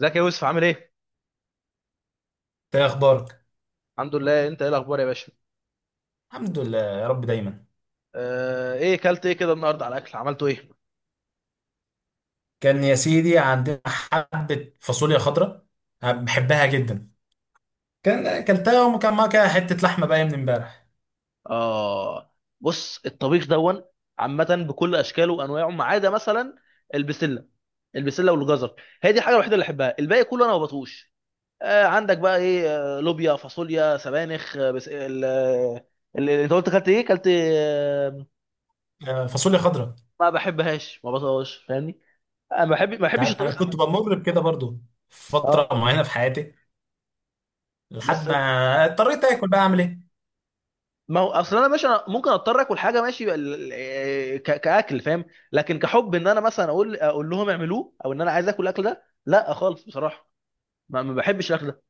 ازيك يا يوسف، عامل ايه؟ ايه اخبارك؟ الحمد لله، انت ايه الاخبار يا باشا؟ الحمد لله يا رب دايما. ايه كلت ايه كده النهارده على الاكل عملته ايه؟ كان يا سيدي عندنا حبه فاصوليا خضراء، أنا بحبها جدا. كان اكلتها وكان معاها كده حته لحمه بقى من امبارح. اه. بص، الطبيخ دون عامة بكل اشكاله وانواعه، ما عدا مثلا البسلة البسلة والجزر، هي دي الحاجة الوحيدة اللي احبها، الباقي كله انا ما بطوش. عندك بقى ايه؟ لوبيا، فاصوليا، سبانخ، آه، بس ال آه، ال- انت كلت ايه؟ كلت آه، فاصوليا خضراء. ما بحبهاش، ما بطوش، فاهمني؟ انا ما انت بحبش عارف انا الطبيخ كنت عامة. بمر بكده برضو فتره اه. معينه في حياتي، لحد بس ما اضطريت اكل بقى، اعمل ايه؟ ما هو اصل انا ماشي، أنا ممكن اضطر اكل حاجه ماشي كاكل، فاهم. لكن كحب ان انا مثلا اقول لهم اعملوه، او ان انا عايز اكل الاكل ده، لا خالص بصراحه. ما بحبش الاكل ده.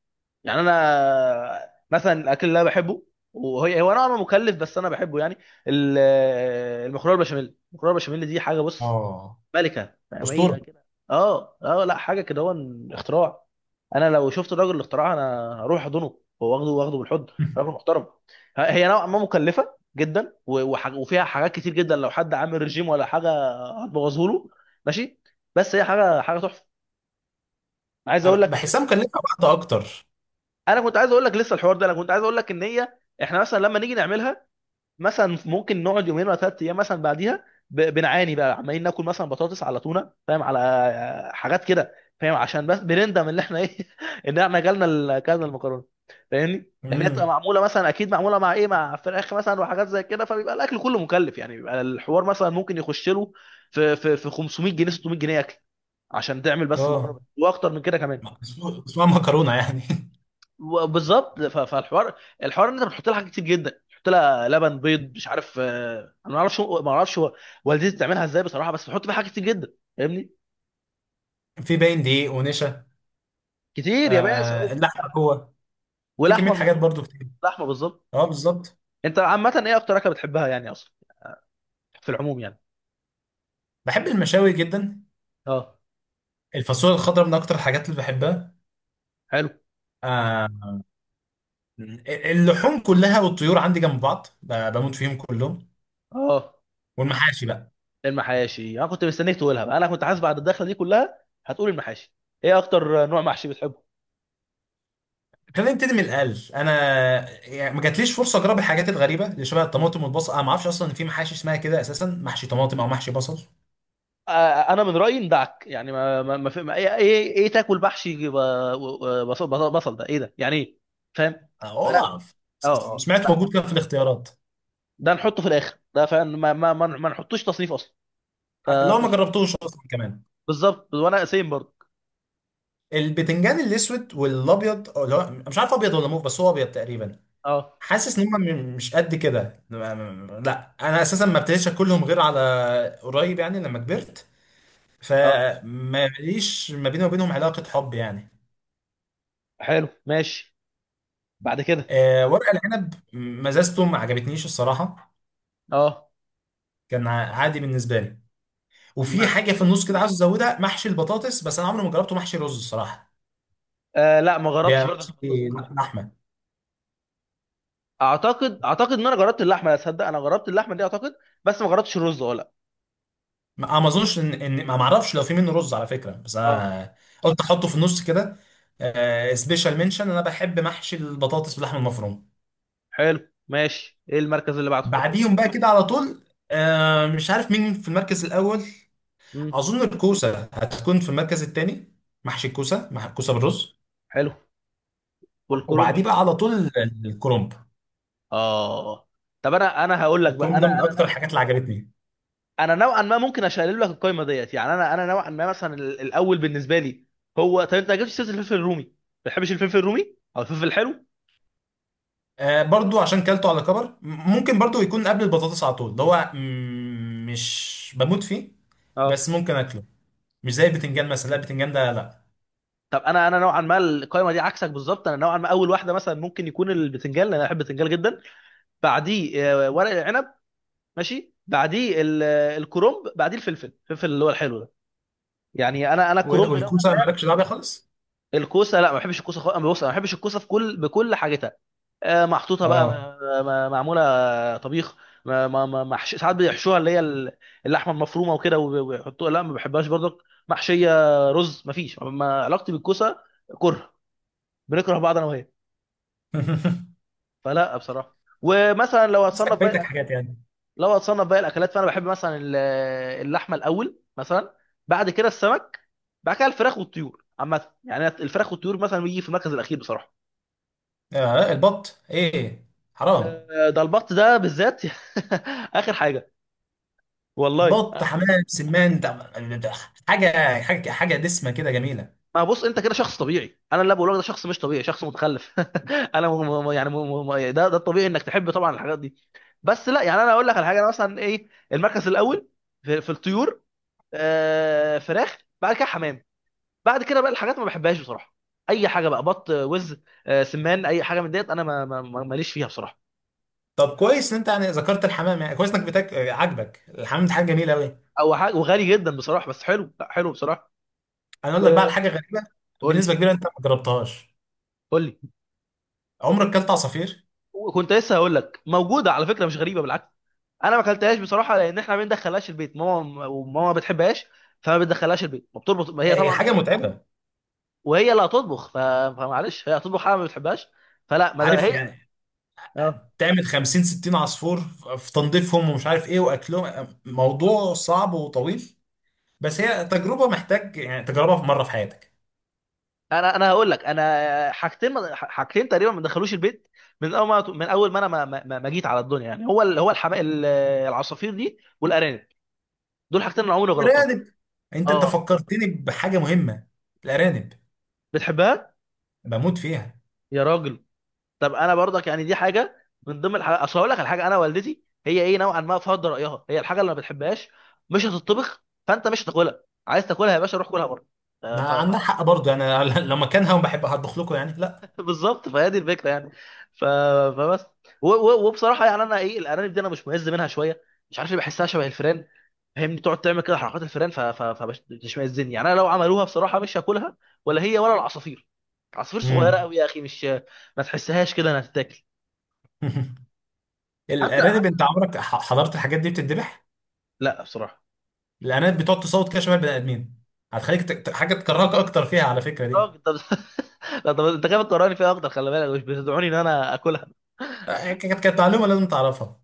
يعني انا مثلا الاكل اللي انا بحبه، وهي هو انا مكلف بس انا بحبه يعني. المكرونه البشاميل، المكرونه البشاميل دي حاجه، بص، اه، ملكه، فاهم، اسطوره. هي كده. اه اه، لا حاجه كده، هو اختراع. انا لو شفت الراجل الاختراع انا هروح احضنه هو، واخده بالحضن. راجل محترم. هي نوعا ما مكلفه جدا، وفيها حاجات كتير جدا، لو حد عامل رجيم ولا حاجه هتبوظه له ماشي، بس هي حاجه، تحفه. عايز أنا اقول لك ان، بحسها مكلفه بعض اكتر. انا كنت عايز اقول لك، لسه الحوار ده، انا كنت عايز اقول لك ان هي، احنا مثلا لما نيجي نعملها، مثلا ممكن نقعد يومين ولا ثلاث ايام مثلا بعديها بنعاني بقى، عمالين ناكل مثلا بطاطس على تونه، فاهم، على حاجات كده، فاهم، عشان بس بنندم ان احنا ايه ان احنا اكلنا اكلنا المكرونه، فاهمني، لان هي بتبقى امم. معموله مثلا، اكيد معموله مع ايه، مع فراخ مثلا وحاجات زي كده، فبيبقى الاكل كله مكلف يعني، بيبقى الحوار مثلا ممكن يخش له في 500 جنيه، 600 جنيه اكل عشان تعمل بس المكرونه، اه، واكتر من كده كمان. اسمها مكرونه يعني. بالظبط. فالحوار، الحوار ان انت بتحط لها حاجات كتير جدا، بتحط لها لبن، بيض، مش عارف انا ما اعرفش، والدتي بتعملها ازاي بصراحه، بس بتحط فيها حاجات كتير جدا، فاهمني. في باين دقيق ونشا. كتير يا باشا، آه، وكل اللحمه حاجة. جوه. في ولحمه كميه حاجات المفرومه. برضو كتير. لحمه بالظبط. اه، بالظبط. انت عامه ايه اكتر اكله بتحبها يعني اصلا، في العموم يعني؟ بحب المشاوي جدا. اه. الفاصوليا الخضراء من اكتر الحاجات اللي بحبها. حلو. آه، اللحوم كلها والطيور عندي جنب بعض، بموت فيهم كلهم. اه. والمحاشي بقى، المحاشي انا كنت مستنيك تقولها بقى، انا كنت حاسس بعد الدخله دي كلها هتقول المحاشي. ايه اكتر نوع محشي بتحبه؟ خلينا نبتدي من الاقل. انا يعني ما جاتليش فرصه اجرب الحاجات الغريبه اللي شبه الطماطم والبصل، انا ما اعرفش اصلا ان في محاشي اسمها كده اساسا، محشي طماطم او محشي بصل. انا من رايي ندعك يعني، ما ما ما, في- ما ايه ايه إيه تاكل محشي بصل، بصل، ده ايه ده يعني ايه، فاهم؟ أه، والله فلا. اعرف. س- اه. اه، سمعت لا، موجود كده في الاختيارات. ده نحطه في الاخر ده، فاهم، ما ما ما ما نحطوش تصنيف اصلا. آه، اللي هو ما فماشي. جربتوش اصلا كمان. بالظبط، وانا سيم برضه. البتنجان الاسود والابيض، أو اللي هو مش عارف ابيض ولا موف، بس هو ابيض تقريبا. اه. حاسس ان هم مش قد كده، لا انا اساسا ما ابتديتش اكلهم غير على قريب، يعني لما كبرت. اه فما ليش ما بيني وبينهم علاقه حب يعني. حلو، ماشي. بعد كده. آه، ورق العنب مزازته ما عجبتنيش الصراحه. اه، كان عادي بالنسبه لي. وفي مع حاجه ان، في النص كده عاوز ازودها، محشي البطاطس، بس انا عمري ما جربته محشي رز الصراحه. آه لا، ما جربتش ده برضه محشي البطاطس بصراحه. لحمه. اعتقد ان انا جربت اللحمه، تصدق انا جربت اللحمه دي اعتقد، بس ما جربتش الرز ولا. ما أنا ما اظنش ان ما معرفش لو في منه رز على فكره، بس اه. انا قلت احطه في النص كده. سبيشال منشن، انا بحب محشي البطاطس باللحمه المفرومه. حلو، ماشي. ايه المركز اللي بعده؟ بعديهم بقى كده على طول. آه، مش عارف مين في المركز الاول. امم. اظن الكوسه هتكون في المركز الثاني، محشي الكوسه مع الكوسه بالرز. حلو. والكولومب وبعديه في بقى الاول. على طول الكرنب. اه. طب انا، هقول لك بقى، الكرنب ده من اكتر الحاجات اللي عجبتني. انا نوعا ما ممكن اشيل لك القايمه ديت يعني، انا نوعا ما مثلا الاول بالنسبه لي هو، طب انت ما جبتش سيره الفلفل الرومي، ما بتحبش الفلفل الرومي او الفلفل الحلو؟ آه، برضو عشان كلته على كبر، ممكن برضو يكون قبل البطاطس على طول، اللي هو مش بموت فيه، اه. بس ممكن اكله. مش زي البتنجان مثلا، لا البتنجان ده لا. طب انا، نوعا ما القايمه دي عكسك بالظبط. انا نوعا ما اول واحده مثلا ممكن يكون البتنجان، لان انا بحب البتنجان جدا. بعديه ورق العنب، ماشي، بعديه الكرنب، بعديه الفلفل، اللي هو الحلو ده، يعني انا، كرنب نوعا. والكوسه مالكش دعوه بيها خالص. الكوسه لا، ما بحبش الكوسه خالص. أنا بص، انا ما بحبش الكوسه في كل بكل حاجتها، محطوطه بقى، اه. معموله طبيخ، ما ما ما محش... ساعات بيحشوها، اللي هي اللحمه المفرومه وكده، ويحطوها، لا ما بحبهاش برضك محشيه رز. ما فيش ما علاقتي بالكوسه، كره، بنكره بعض انا وهي. فلا بصراحه. ومثلا لو بس هتصنف باقي فايتك الاكلات، حاجات يعني. فانا بحب مثلا اللحمه الاول مثلا، بعد كده السمك، بعد كده الفراخ والطيور عامه، يعني الفراخ والطيور مثلا بيجي في المركز الاخير بصراحه. آه، البط، ايه؟ حرام. ده البط ده بالذات اخر حاجه. والله. بط، حمام، سمان ده، ده- حاجه حاجه حاجه دسمه كده جميله. ما بص، انت كده شخص طبيعي، انا اللي بقوله لك ده شخص مش طبيعي، شخص متخلف. انا م... م... يعني م... م... ده، الطبيعي انك تحب طبعا الحاجات دي. بس لا يعني، انا اقول لك على حاجه، انا مثلا ايه، المركز الاول في, في الطيور، فراخ، بعد كده حمام، بعد كده بقى الحاجات ما بحبهاش بصراحه، اي حاجه بقى، بط، وز، سمان، اي حاجه من ديت انا ماليش فيها بصراحه. طب كويس ان انت يعني ذكرت الحمام، يعني كويس انك بتاك، آه، عاجبك الحمام، ده حاجه جميله قوي. او حاجه وغالي جدا بصراحه، بس حلو، لا حلو بصراحه. انا اقول لك بقى على حاجه وقول غريبه، لي. بنسبه كبيره انت ما جربتهاش. قول لي. عمرك اكلت عصافير؟ وكنت لسه هقول لك، موجوده على فكره، مش غريبه بالعكس. انا ما اكلتهاش بصراحه، لان احنا ما بندخلهاش البيت، ماما، ما بتحبهاش، فما بتدخلهاش البيت، ما بتربط، ما هي هي طبعا حاجه هي صح، متعبه. وهي اللي هتطبخ. فمعلش، هي هتطبخ حاجه ما بتحبهاش، فلا، ما ده عارف هي. يعني اه. تعمل 50 60 عصفور، في تنظيفهم ومش عارف ايه واكلهم، آه، موضوع صعب وطويل. بس هي تجربه، محتاج يعني تجربها في مره في حياتك. انا هقول لك، انا حاجتين، تقريبا ما دخلوش البيت من اول ما، انا ما جيت على الدنيا، يعني هو العصافير دي والارانب، دول حاجتين انا عمري ما جربتهم. ارانب. انت اه. فكرتني بحاجه مهمه. الارانب، بتحبها؟ بموت فيها. يا راجل. طب انا برضك يعني دي حاجه من ضمن الحاجات، اصل هقول لك على حاجه، انا والدتي هي ايه، نوعا ما فرض رايها، هي الحاجه اللي ما بتحبهاش مش هتطبخ، فانت مش هتاكلها، عايز تاكلها يا باشا روح كلها بره. آه، ما ف... ف... عندنا حق برضه يعني، انا لو مكانها وبحب هطبخ لكم يعني، لا. بالظبط، فهي دي الفكره يعني. ف... فبس وبصراحه يعني انا ايه، الارانب دي انا مش مهز منها شويه، مش عارف ليه، بحسها شبه الفيران، فاهمني، تقعد تعمل كده حركات الفيران، فبتشمئزني يعني، انا لو عملوها بصراحه مش هاكلها، ولا هي ولا العصافير. عصافير صغيره امم. قوي يا اخي، مش ما تحسهاش كده انها تتاكل. حتى. الارانب، انت عمرك حضرت الحاجات دي بتتذبح؟ لا بصراحه. الارانب بتقعد تصوت كده شبه البني ادمين، هتخليك حاجه تكرهك اكتر فيها على فكره دي. اخضر لا، طب انت كده بتقراني فيها اخضر، خلي بالك مش بتدعوني ان انا اكلها. آه، كانت معلومه لازم تعرفها.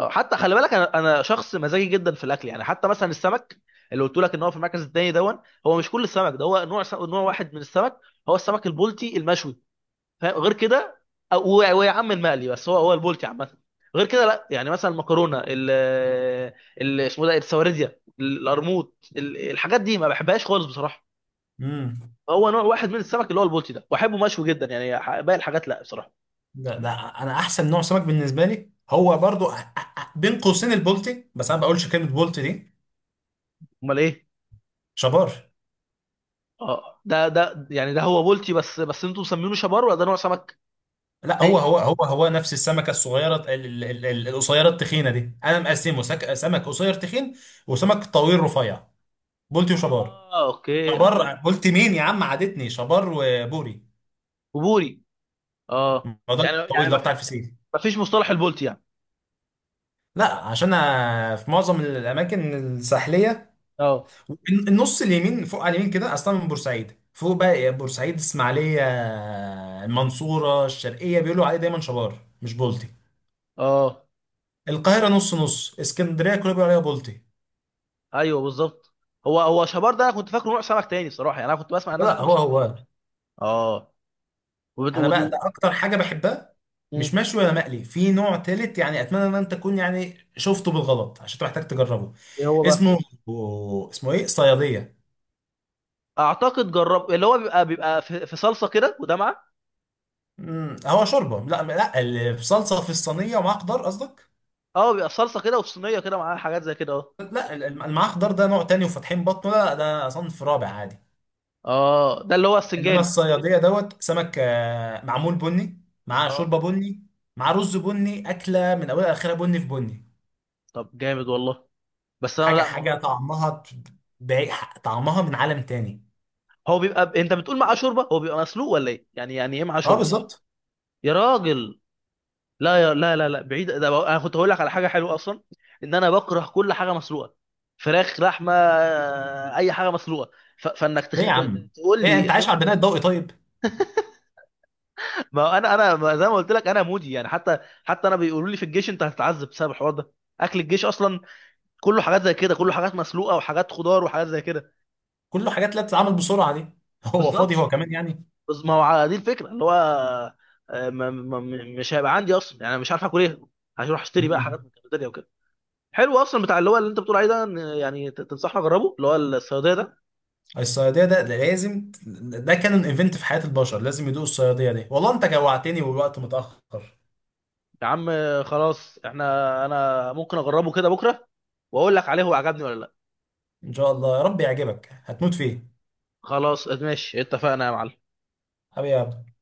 أو حتى خلي بالك، انا، شخص مزاجي جدا في الاكل يعني، حتى مثلا السمك اللي قلت لك ان هو في المركز الثاني دون، هو مش كل السمك، ده هو نوع، نوع واحد من السمك، هو السمك البلطي المشوي، فاهم، غير كده، ويا عم المقلي، بس هو، البلطي عامه، غير كده لا. يعني مثلا المكرونه ال، اسمه ده السواردية، القرموط، الحاجات دي ما بحبهاش خالص بصراحه، امم. هو نوع واحد من السمك اللي هو البلطي ده، واحبه مشوي جدا يعني، باقي الحاجات لا بصراحه. ده انا احسن نوع سمك بالنسبه لي هو برضو، بين قوسين البولتي، بس انا ما بقولش كلمه بولتي دي. امال ايه؟ شبار. اه، ده يعني، ده هو بولتي بس، انتوا مسمينه شبار، ولا ده نوع سمك لا، هو تاني؟ هو هو هو نفس السمكه الصغيره القصيره التخينه دي. انا مقسمه سمك قصير تخين، وسمك طويل رفيع. بولتي وشبار. اه اوكي. شبار بولتي مين يا عم؟ عادتني شبار وبوري. وبوري. اه. الموضوع ده يعني الطويل ده ما فيش، بتاع الفسيخ. ما فيش مصطلح البولتي يعني؟ لا، عشان أنا في معظم الاماكن الساحليه، اه. النص اليمين، فوق على اليمين كده، اصلا من بورسعيد فوق بقى، بورسعيد، اسماعيليه، المنصوره، الشرقيه بيقولوا عليه دايما شبار مش بولتي. اه. القاهره نص نص، اسكندريه كله بيقولوا عليها بولتي. ايوه بالظبط. هو شبار ده، انا كنت فاكره نوع سمك تاني صراحه، يعني انا كنت بسمع الناس لا، بتقول هو شبار. هو. اه. وبت... انا بقى ده وت... اكتر حاجه بحبها، مم. مش مشوي ولا مقلي، في نوع تالت يعني، اتمنى ان انت تكون يعني شفته بالغلط عشان تحتاج تجربه. ايه هو بقى؟ اسمه اسمه ايه؟ صياديه. اعتقد جرب، اللي هو بيبقى، في, في صلصه كده، وده معاه. امم، هو شوربه؟ لا لا، اللي بصلصه في الصينيه ومعاها خضار قصدك؟ اه، بيبقى صلصه كده، وفي صينيه كده معاه حاجات زي كده، اه. لا معاه خضار ده نوع تاني وفاتحين بطنه، لا ده صنف رابع عادي. اه، ده اللي هو انما السنجاري. الصياديه دوت سمك، آه، معمول بني، معاه اه، شوربه بني، مع رز بني، اكله من اولها لاخرها بني في بني. طب جامد والله. بس انا حاجه لا حاجه مجرد، طعمها طعمها من عالم تاني. هو بيبقى انت بتقول معاه شوربه، هو بيبقى مسلوق ولا ايه، يعني ايه معاه اه، شوربه؟ بالظبط. يا راجل. لا يا... لا لا لا بعيد ده بقى، انا كنت هقول لك على حاجه حلوه اصلا، ان انا بكره كل حاجه مسلوقه، فراخ، لحمه، اي حاجه مسلوقه، فانك ايه يا عم؟ تقول ايه، لي انت عايش سمك. على البناء الضوئي طيب؟ ما انا، ما زي ما قلت لك انا مودي يعني، حتى، انا بيقولوا لي في الجيش انت هتتعذب بسبب الحوار ده، اكل الجيش اصلا كله حاجات زي كده، كله حاجات مسلوقه وحاجات خضار وحاجات زي كده. كله حاجات لا تتعمل بسرعه دي. هو فاضي بالظبط. هو كمان يعني. بس ما هو على دي الفكره اللي هو، آه، ما ما م- مش هيبقى عندي اصلا يعني، أنا مش عارف اكل ايه، هروح اشتري بقى حاجات من مم. الكافيتيريا وكده. حلو، اصلا بتاع اللي هو، اللي انت بتقول عليه ده، إن يعني تنصحني اجربه، اللي هو الصياديه ده؟ الصياديه ده لازم. ده كان ان ايفنت في حياه البشر، لازم يدوق الصياديه دي، والله انت جوعتني والوقت متاخر. يا عم خلاص، احنا، انا ممكن اجربه كده بكره، واقول لك عليه هو عجبني ولا لا. ان شاء الله يا رب يعجبك، هتموت فيه. خلاص ماشي، اتفقنا يا معلم. حبيبي يا عبد.